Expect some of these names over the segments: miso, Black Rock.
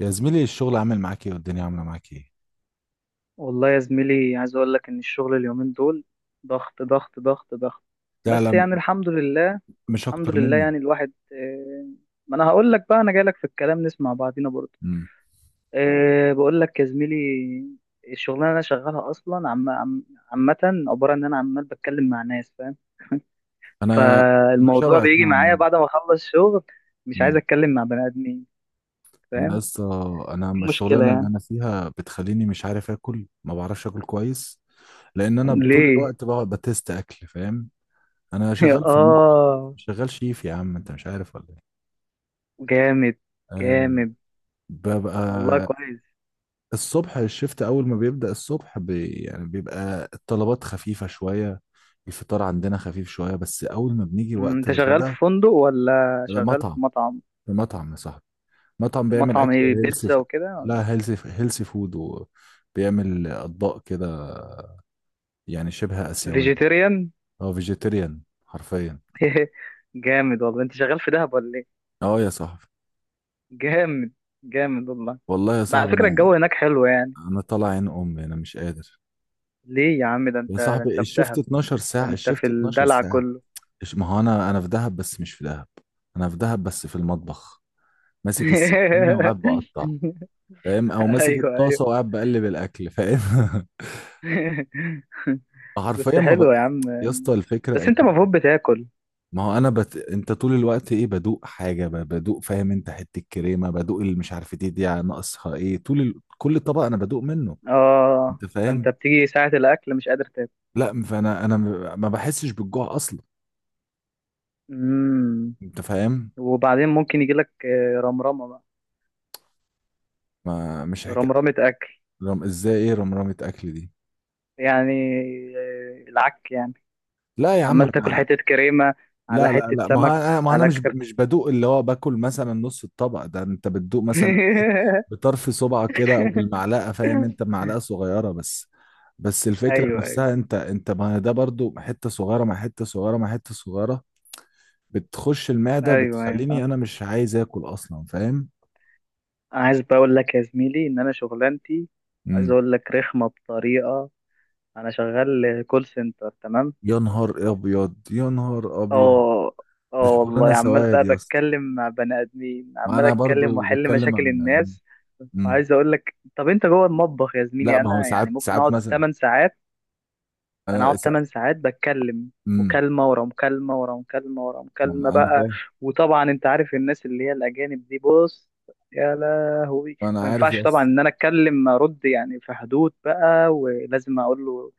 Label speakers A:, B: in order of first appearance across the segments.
A: يا زميلي، الشغل عامل معاك ايه والدنيا عامله معاك ايه؟
B: والله يا زميلي، عايز اقول لك ان الشغل اليومين دول ضغط ضغط ضغط ضغط.
A: ده
B: بس
A: لا،
B: يعني الحمد لله.
A: مش
B: الحمد
A: اكتر
B: لله
A: مني.
B: يعني الواحد ما انا هقول لك بقى، انا جاي لك في الكلام نسمع بعضينا برضه.
A: امم.
B: بقول لك يا زميلي، الشغلانه اللي انا شغالها اصلا عم عم عامه، عباره ان انا عمال بتكلم مع ناس، فاهم؟
A: انا انا
B: فالموضوع
A: شبهك
B: بيجي
A: نوعا
B: معايا
A: ما.
B: بعد ما اخلص شغل، مش عايز
A: امم.
B: اتكلم مع بني ادمين،
A: انا
B: فاهم؟
A: لسه.
B: دي مشكله
A: الشغلانه اللي
B: يعني.
A: انا فيها بتخليني مش عارف اكل، ما بعرفش اكل كويس، لان انا طول
B: ليه؟
A: الوقت بقعد بتست اكل، فاهم؟ انا شغال في الم...
B: اه.
A: شغال شيف يا عم، انت مش عارف ولا ايه؟
B: جامد.
A: أه،
B: جامد والله،
A: ببقى
B: كويس.
A: الصبح، الشفت اول ما بيبدأ الصبح يعني بيبقى الطلبات خفيفة شوية، الفطار عندنا خفيف شوية، بس اول ما بنيجي
B: مم،
A: وقت
B: انت شغال في
A: الغداء.
B: فندق ولا
A: لا،
B: شغال
A: مطعم.
B: في مطعم؟
A: مطعم يا صاحبي، مطعم بيعمل
B: مطعم
A: اكل
B: ايه،
A: هيلثي.
B: بيتزا وكده؟
A: لا، هيلثي، هيلثي فود، وبيعمل اطباق كده، يعني شبه اسيوية.
B: فيجيتيريان؟
A: اه فيجيتيريان حرفيا.
B: جامد والله، انت شغال في دهب ولا ايه؟
A: اه يا صاحبي.
B: جامد. جامد والله.
A: والله يا
B: بقى على
A: صاحبي،
B: فكرة،
A: انا
B: الجو هناك حلو يعني؟
A: انا طالع عين امي، انا مش قادر.
B: ليه يا عم؟ ده انت
A: يا
B: ده
A: صاحبي
B: انت في
A: الشفت
B: دهب،
A: 12
B: ده
A: ساعة،
B: انت في
A: الشفت 12
B: الدلع
A: ساعة.
B: كله.
A: ما هو انا في دهب بس مش في دهب، انا في دهب بس في المطبخ، ماسك السكينه وقاعد بقطع، فاهم؟ او ماسك
B: ايوه
A: الطاسه وقاعد بقلب الاكل، فاهم؟
B: ايوه. بس
A: حرفيا ما ب...
B: حلو يا عم.
A: يا اسطى الفكره
B: بس
A: ان
B: انت المفروض بتاكل.
A: ما هو انا بت... انت طول الوقت ايه، بدوق حاجه، بدوق، فاهم؟ انت حته كريمه بدوق، اللي مش عارف دي ناقصها ايه، كل طبق انا بدوق منه،
B: اه،
A: انت
B: فانت
A: فاهم؟
B: بتيجي ساعة الاكل مش قادر تاكل؟
A: لا، فانا ما بحسش بالجوع اصلا،
B: مم.
A: انت فاهم؟
B: وبعدين ممكن يجي لك رمرمه بقى.
A: ما مش حكايه.
B: رمرمه اكل،
A: ازاي، ايه رمرمه اكل دي؟
B: يعني العك يعني،
A: لا يا عم،
B: عمال تاكل
A: انا.
B: حته كريمه على
A: لا لا
B: حته
A: لا، ما هو
B: سمك،
A: انا ما هو انا
B: على كرت.
A: مش بدوق اللي هو باكل، مثلا نص الطبق ده انت بتدوق مثلا ايه، بطرف صبعك كده او بالمعلقه، فاهم؟ انت معلقه صغيره بس، بس الفكره
B: ايوه ايوه.
A: نفسها انت ما هي ده برضو حته صغيره مع حته صغيره مع حته صغيره، بتخش المعده،
B: ايوه ايوه
A: بتخليني
B: فاهم.
A: انا مش عايز اكل اصلا، فاهم؟
B: انا عايز بقى اقول لك يا زميلي ان انا شغلانتي، عايز
A: امم.
B: اقول لك، رخمه بطريقه. انا شغال كول سنتر، تمام؟
A: يا نهار ابيض، يا نهار ابيض.
B: اه.
A: دي
B: اه
A: شغلانه
B: والله، عمال
A: سواد
B: بقى
A: يا اسطى.
B: بتكلم مع بني ادمين،
A: ما
B: عمال
A: انا
B: اتكلم
A: برضو
B: واحل
A: بتكلم
B: مشاكل
A: عن.
B: الناس.
A: امم.
B: عايز اقول لك، طب انت جوه المطبخ يا
A: لا،
B: زميلي،
A: ما هو
B: انا يعني
A: ساعات
B: ممكن
A: ساعات
B: اقعد
A: مثلا.
B: 8 ساعات. انا
A: انا
B: اقعد
A: سا...
B: 8 ساعات بتكلم
A: مم.
B: مكالمة ورا مكالمة ورا مكالمة ورا مكالمة
A: ما انا
B: بقى.
A: فاهم.
B: وطبعا انت عارف الناس اللي هي الاجانب دي، بص، يا لهوي.
A: انا
B: ما
A: عارف يا
B: ينفعش طبعا
A: اسطى.
B: ان انا اتكلم ارد، يعني في حدود بقى، ولازم اقول له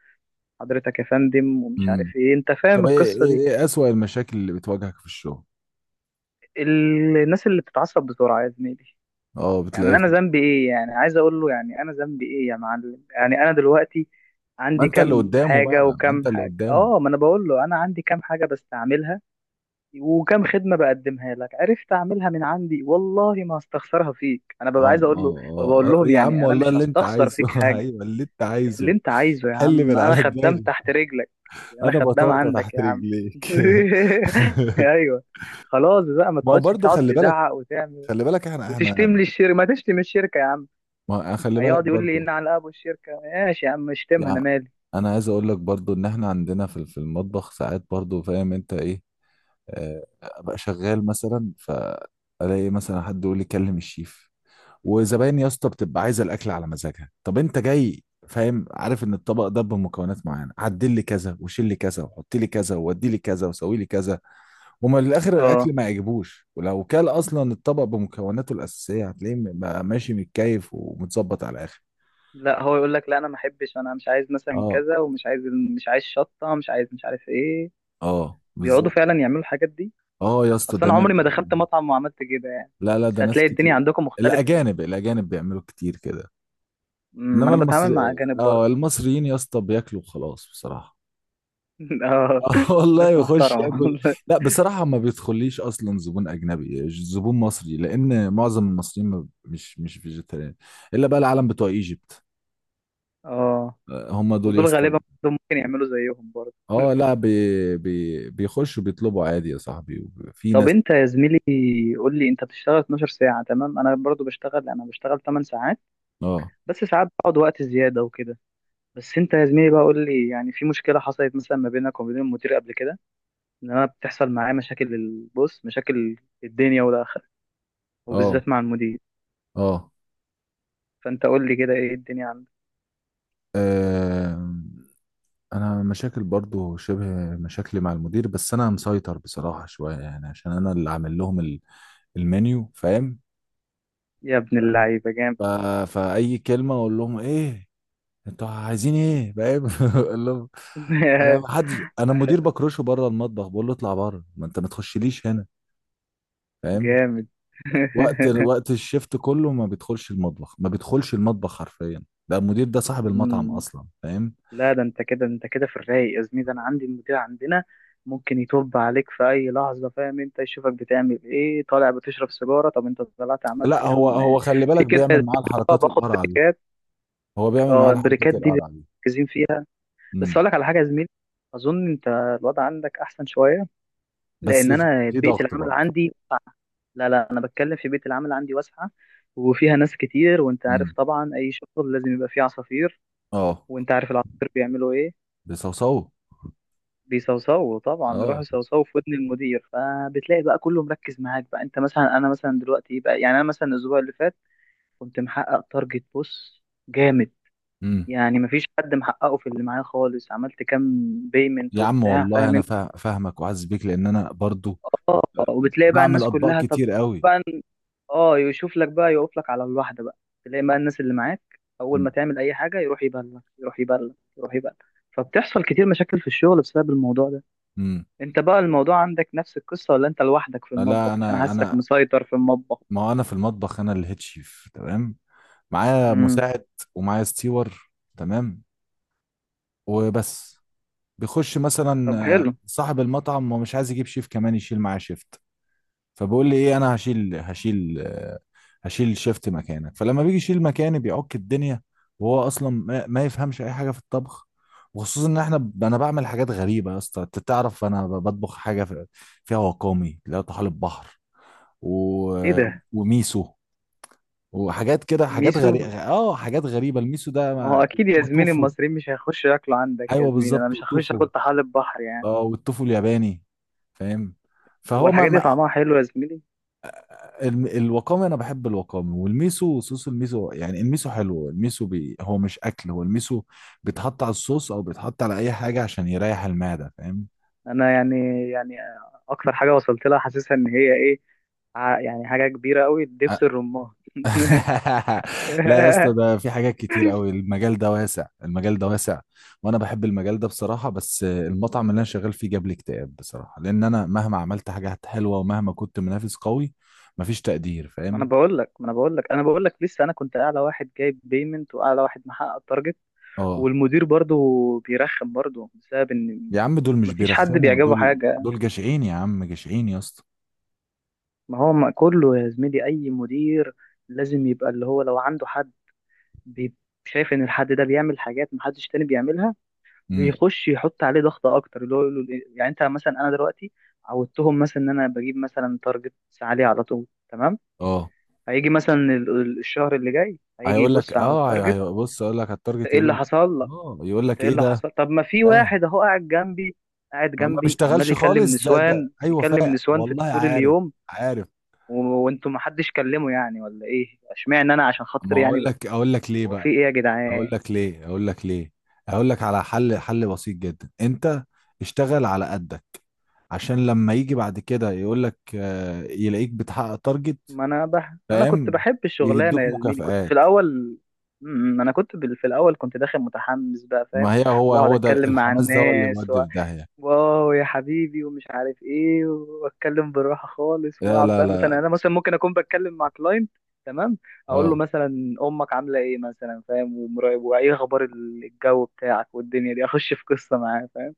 B: حضرتك يا فندم ومش
A: امم.
B: عارف ايه، انت فاهم
A: طب، ايه
B: القصة
A: ايه
B: دي؟
A: ايه اسوأ المشاكل اللي بتواجهك في الشغل؟
B: الناس اللي بتتعصب بسرعة يا زميلي،
A: اه،
B: يعني انا ذنبي ايه؟ يعني عايز اقول له يعني انا ذنبي ايه يا معلم؟ يعني انا دلوقتي
A: ما
B: عندي
A: انت اللي
B: كام
A: قدامه بقى،
B: حاجه
A: ما انت
B: وكام
A: اللي
B: حاجه،
A: قدامه.
B: اه، ما انا بقول له انا عندي كام حاجه بستعملها وكام خدمه بقدمها لك، عرفت اعملها من عندي، والله ما هستخسرها فيك. انا ببقى
A: اه
B: عايز اقول له، بقول
A: اه اه
B: لهم
A: يا عم،
B: يعني انا
A: والله
B: مش
A: اللي انت
B: هستخسر
A: عايزه
B: فيك حاجه،
A: ايوه، اللي انت
B: اللي
A: عايزه،
B: انت عايزه يا
A: حل
B: عم،
A: من
B: انا
A: على
B: خدام
A: دماغي.
B: تحت رجلك، انا
A: انا
B: خدام
A: بطاطا
B: عندك
A: تحت
B: يا عم.
A: رجليك
B: ايوه. خلاص بقى، ما
A: ما هو
B: تقعدش
A: برضه
B: تقعد
A: خلي بالك،
B: تزعق وتعمل
A: خلي بالك احنا احنا.
B: وتشتم لي الشركه. ما تشتم الشركه يا عم،
A: ما خلي بالك
B: هيقعد يقول لي
A: برضه
B: ان على الاب والشركه ماشي يا عم، اشتمها انا
A: يعني.
B: مالي.
A: انا عايز اقول لك برضه ان احنا عندنا في المطبخ ساعات برضه، فاهم انت ايه؟ آه، ابقى شغال مثلا فالاقي مثلا حد يقول لي كلم الشيف، وزباين يا اسطى بتبقى عايزه الاكل على مزاجها، طب انت جاي فاهم عارف ان الطبق ده بمكونات معينه، عدل لي كذا وشيل لي كذا وحط لي كذا وودي لي كذا وسوي لي كذا، وما للاخر الاكل
B: اه،
A: ما يعجبوش، ولو كان اصلا الطبق بمكوناته الاساسيه هتلاقيه بقى ماشي متكيف ومتظبط على الاخر.
B: لا، هو يقول لك لا انا ما احبش، انا مش عايز مثلا
A: اه.
B: كذا ومش عايز، مش عايز شطه، مش عايز، مش عارف ايه.
A: اه
B: بيقعدوا
A: بالظبط.
B: فعلا يعملوا الحاجات دي.
A: اه يا اسطى،
B: اصل
A: ده
B: انا
A: انا
B: عمري ما
A: ده.
B: دخلت مطعم وعملت كده يعني.
A: لا لا،
B: بس
A: ده ناس
B: هتلاقي الدنيا
A: كتير.
B: عندكم مختلفه.
A: الاجانب بيعملوا كتير كده.
B: أمم، ما
A: انما
B: انا بتعامل
A: المصري.
B: مع اجانب
A: اه،
B: برضه.
A: المصريين يا اسطى بياكلوا خلاص بصراحه.
B: اه.
A: اه والله
B: ناس
A: يخش
B: محترمه.
A: ياكل. لا بصراحه ما بيدخليش اصلا زبون اجنبي زبون مصري، لان معظم المصريين مش فيجيتarian، الا بقى العالم بتوع ايجيبت.
B: اه،
A: آه، هم دول يا
B: ودول
A: اسطى.
B: غالبا برضه ممكن يعملوا زيهم برضه.
A: اه. لا بي بي بيخشوا بيطلبوا عادي يا صاحبي، في
B: طب
A: ناس.
B: انت يا زميلي، قول لي، انت بتشتغل 12 ساعه، تمام؟ انا برضه بشتغل، انا بشتغل 8 ساعات،
A: اه،
B: بس ساعات بقعد وقت زيادة وكده. بس انت يا زميلي بقى قول لي، يعني في مشكلة حصلت مثلا ما بينك وما بين المدير قبل كده؟ ان انا بتحصل معايا مشاكل البص، مشاكل الدنيا والاخرة،
A: اه،
B: وبالذات مع المدير،
A: اه.
B: فانت قول لي كده ايه الدنيا عندك.
A: آم، انا مشاكل برضو شبه، مشاكلي مع المدير، بس انا مسيطر بصراحه شويه يعني، عشان انا اللي عامل لهم المنيو، فاهم؟
B: يا ابن اللعيبة، جامد.
A: ف... فاي كلمه اقول لهم ايه، انتوا عايزين ايه، فاهم؟ اقول لهم انا ما حدش، انا مدير بكرشه بره المطبخ، بقول له اطلع بره، ما انت ما تخشليش هنا، فاهم؟
B: جامد.
A: وقت الشفت كله ما بيدخلش المطبخ، ما بيدخلش المطبخ حرفيا، ده المدير ده صاحب المطعم
B: مم.
A: اصلا، فاهم؟
B: لا، ده انت كده، انت كده في الرايق يا زميلي. ده انا عندي المدير عندنا ممكن يطب عليك في اي لحظه، فاهم؟ انت يشوفك بتعمل ايه، طالع بتشرب سيجاره، طب انت طلعت عملت
A: لا هو
B: كام؟
A: هو خلي
B: في
A: بالك
B: كده يا زميلي.
A: بيعمل معاه
B: اه
A: الحركات
B: باخد
A: القرعه دي.
B: بريكات.
A: هو بيعمل
B: اه،
A: معاه الحركات
B: البريكات دي
A: القرعه دي.
B: مركزين فيها. بس
A: امم.
B: اقول لك على حاجه يا زميلي، اظن انت الوضع عندك احسن شويه،
A: بس
B: لان
A: في
B: انا
A: في
B: بيئه
A: ضغط
B: العمل
A: برضه.
B: عندي. لا لا، انا بتكلم في بيئه العمل عندي واسعه، وفيها ناس كتير. وانت عارف
A: امم.
B: طبعا اي شغل لازم يبقى فيه عصافير.
A: اه،
B: وانت عارف العصافير بيعملوا ايه،
A: بيصوصوه.
B: بيصوصوا طبعا. بيروحوا
A: اه.
B: يصوصوا في ودن المدير، فبتلاقي بقى كله مركز معاك بقى. انت مثلا، انا مثلا دلوقتي بقى، يعني انا مثلا الاسبوع اللي فات كنت محقق تارجت، بص، جامد،
A: امم.
B: يعني مفيش حد محققه في اللي معايا خالص، عملت كام بيمنت
A: يا عم
B: وبتاع،
A: والله
B: فاهم
A: انا
B: انت؟
A: فاهمك وعز بيك، لان انا برضو
B: اه. وبتلاقي بقى
A: بعمل
B: الناس
A: اطباق
B: كلها، طب
A: كتير قوي.
B: بقى، اه، يشوف لك بقى، يقف لك على الواحده بقى. تلاقي بقى الناس اللي معاك، اول ما
A: امم.
B: تعمل اي حاجه يروح يبلغ، يروح يبلغ، يروح يبلغ. فبتحصل كتير مشاكل في الشغل بسبب الموضوع ده.
A: أمم.
B: انت بقى الموضوع عندك نفس القصة، ولا انت لوحدك في
A: لا
B: المطبخ عشان
A: انا
B: حاسك
A: انا
B: مسيطر في المطبخ؟
A: ما هو انا في المطبخ، انا الهيد شيف، تمام؟ معايا
B: امم.
A: مساعد ومعايا ستيور، تمام، وبس. بيخش مثلا
B: طب
A: آه،
B: حلو.
A: صاحب المطعم، ما مش عايز يجيب شيف كمان يشيل معاه شيف، فبقول لي ايه، انا هشيل هشيل شيفت مكانك، فلما بيجي يشيل مكاني بيعك الدنيا، وهو اصلا ما يفهمش اي حاجه في الطبخ، وخصوصا ان احنا انا بعمل حاجات غريبه يا اسطى، انت تعرف انا بطبخ حاجه فيها وقامي اللي هو طحالب بحر، و...
B: ايه ده،
A: وميسو، وحاجات كده، حاجات
B: ميسو؟
A: غريبه، اه حاجات غريبه. الميسو ده
B: ما هو
A: ما...
B: اكيد يا زميلي
A: وتوفو.
B: المصريين مش هيخشوا ياكلوا عندك يا
A: ايوه
B: زميلي، انا
A: بالظبط،
B: مش هخش
A: وتوفو.
B: اكل طحالب بحر يعني.
A: اه، والتوفو الياباني، فاهم؟ فهو ما
B: والحاجات دي
A: ما-
B: طعمها حلو يا زميلي؟
A: الوقامي، انا بحب الوقامي والميسو، صوص الميسو، يعني الميسو حلو، الميسو هو مش اكل، هو الميسو بيتحط على الصوص او بيتحط على اي حاجه عشان يريح المعده، فاهم؟
B: انا يعني، يعني اكتر حاجة وصلت لها حاسسها ان هي ايه، يعني حاجة كبيرة قوي، دبس الرمان.
A: لا يا اسطى، ده في حاجات كتير قوي، المجال ده واسع، المجال ده واسع. وانا بحب المجال ده بصراحه، بس المطعم اللي انا شغال فيه جاب لي اكتئاب بصراحه، لان انا مهما عملت حاجات حلوه ومهما كنت منافس قوي، مفيش تقدير،
B: ما انا
A: فاهم؟
B: بقول لك ما انا بقول لك انا بقول لك لسه، انا كنت اعلى واحد جايب بيمنت، واعلى واحد محقق.
A: اه
B: والمدير برضه بيرخم برضه بسبب ان
A: يا عم، دول مش
B: مفيش حد
A: بيرخموا،
B: بيعجبه
A: دول
B: حاجة.
A: دول جشعين يا عم، جشعين يا اسطى.
B: ما هو ما كله يا زميلي، اي مدير لازم يبقى اللي هو لو عنده حد بي- شايف ان الحد ده بيعمل حاجات محدش تاني بيعملها،
A: امم.
B: بيخش يحط عليه ضغط اكتر، اللي هو يقول له يعني انت مثلا، انا دلوقتي عودتهم مثلا ان انا بجيب مثلا تارجت عليه على طول، تمام؟
A: اه،
B: هيجي مثلا الشهر اللي جاي، هيجي
A: هيقول لك
B: يبص على
A: اه،
B: التارجت،
A: بص اقول لك على
B: إنت
A: التارجت،
B: ايه
A: يقول
B: اللي
A: لك
B: حصل،
A: اه، يقول
B: انت
A: لك
B: ايه
A: ايه
B: اللي
A: ده،
B: حصل؟ طب ما في
A: فاهم؟
B: واحد اهو قاعد جنبي، قاعد
A: آه، ما
B: جنبي عمال
A: بيشتغلش
B: يكلم
A: خالص، ده
B: نسوان،
A: ايوه
B: يكلم
A: فاهم،
B: نسوان في
A: والله
B: طول
A: عارف،
B: اليوم.
A: عارف.
B: وانتوا ما حدش كلمه يعني ولا ايه؟ اشمعنى انا عشان
A: ما
B: خاطر يعني
A: اقول
B: بقى،
A: لك اقول لك ليه
B: هو في
A: بقى،
B: ايه يا
A: اقول
B: جدعان؟
A: لك ليه اقول لك ليه اقول لك على حل بسيط جدا. انت اشتغل على قدك، عشان لما يجي بعد كده يقول لك آه، يلاقيك بتحقق تارجت،
B: ما انا كنت
A: فاهم؟
B: بحب الشغلانه
A: يدوك
B: يا زميلي، كنت في
A: مكافآت.
B: الاول. م- م، انا كنت في الاول كنت داخل متحمس بقى، فاهم؟
A: ما هي هو
B: واقعد
A: هو ده
B: اتكلم مع
A: الحماس، ده هو اللي
B: الناس،
A: بيودي في داهية.
B: واو يا حبيبي، ومش عارف ايه، واتكلم بالراحه خالص،
A: لا
B: واقعد
A: لا
B: بقى مثلا،
A: لا.
B: انا مثلا ممكن اكون بتكلم مع كلاينت، تمام، اقول له
A: اه
B: مثلا امك عامله ايه مثلا، فاهم، ومراقب، وايه اخبار الجو بتاعك والدنيا دي، اخش في قصه معاه، فاهم؟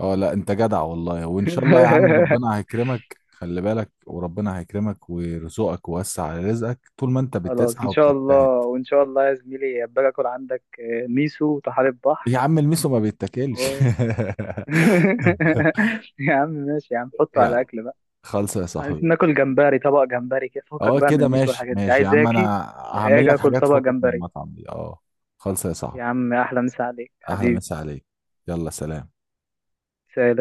A: اه. لا انت جدع والله، وان شاء الله يا عم ربنا هيكرمك، خلي بالك، وربنا هيكرمك ويرزقك ويوسع على رزقك، طول ما انت
B: خلاص،
A: بتسعى
B: ان شاء
A: وبتجتهد.
B: الله. وان شاء الله يا زميلي ابقى اكل عندك ميسو وطحالب
A: يا
B: بحر
A: عم الميسو ما بيتاكلش
B: و... يا عم ماشي يا عم، حطه على
A: يعني.
B: الاكل،
A: خالصة يا صاحبي.
B: عايزين ناكل جمبري، طبق جمبري كده، فكك
A: اه
B: بقى من
A: كده
B: الميس
A: ماشي،
B: والحاجات دي،
A: ماشي يا
B: عايز
A: عم،
B: اكل،
A: انا هعمل
B: اجي
A: لك
B: اكل
A: حاجات
B: طبق
A: تفكك من
B: جمبري.
A: المطعم دي، اه. خالصة يا
B: يا
A: صاحبي.
B: عم، احلى مسا عليك
A: احلى مسا
B: حبيبي.
A: عليك. يلا سلام.
B: سلام.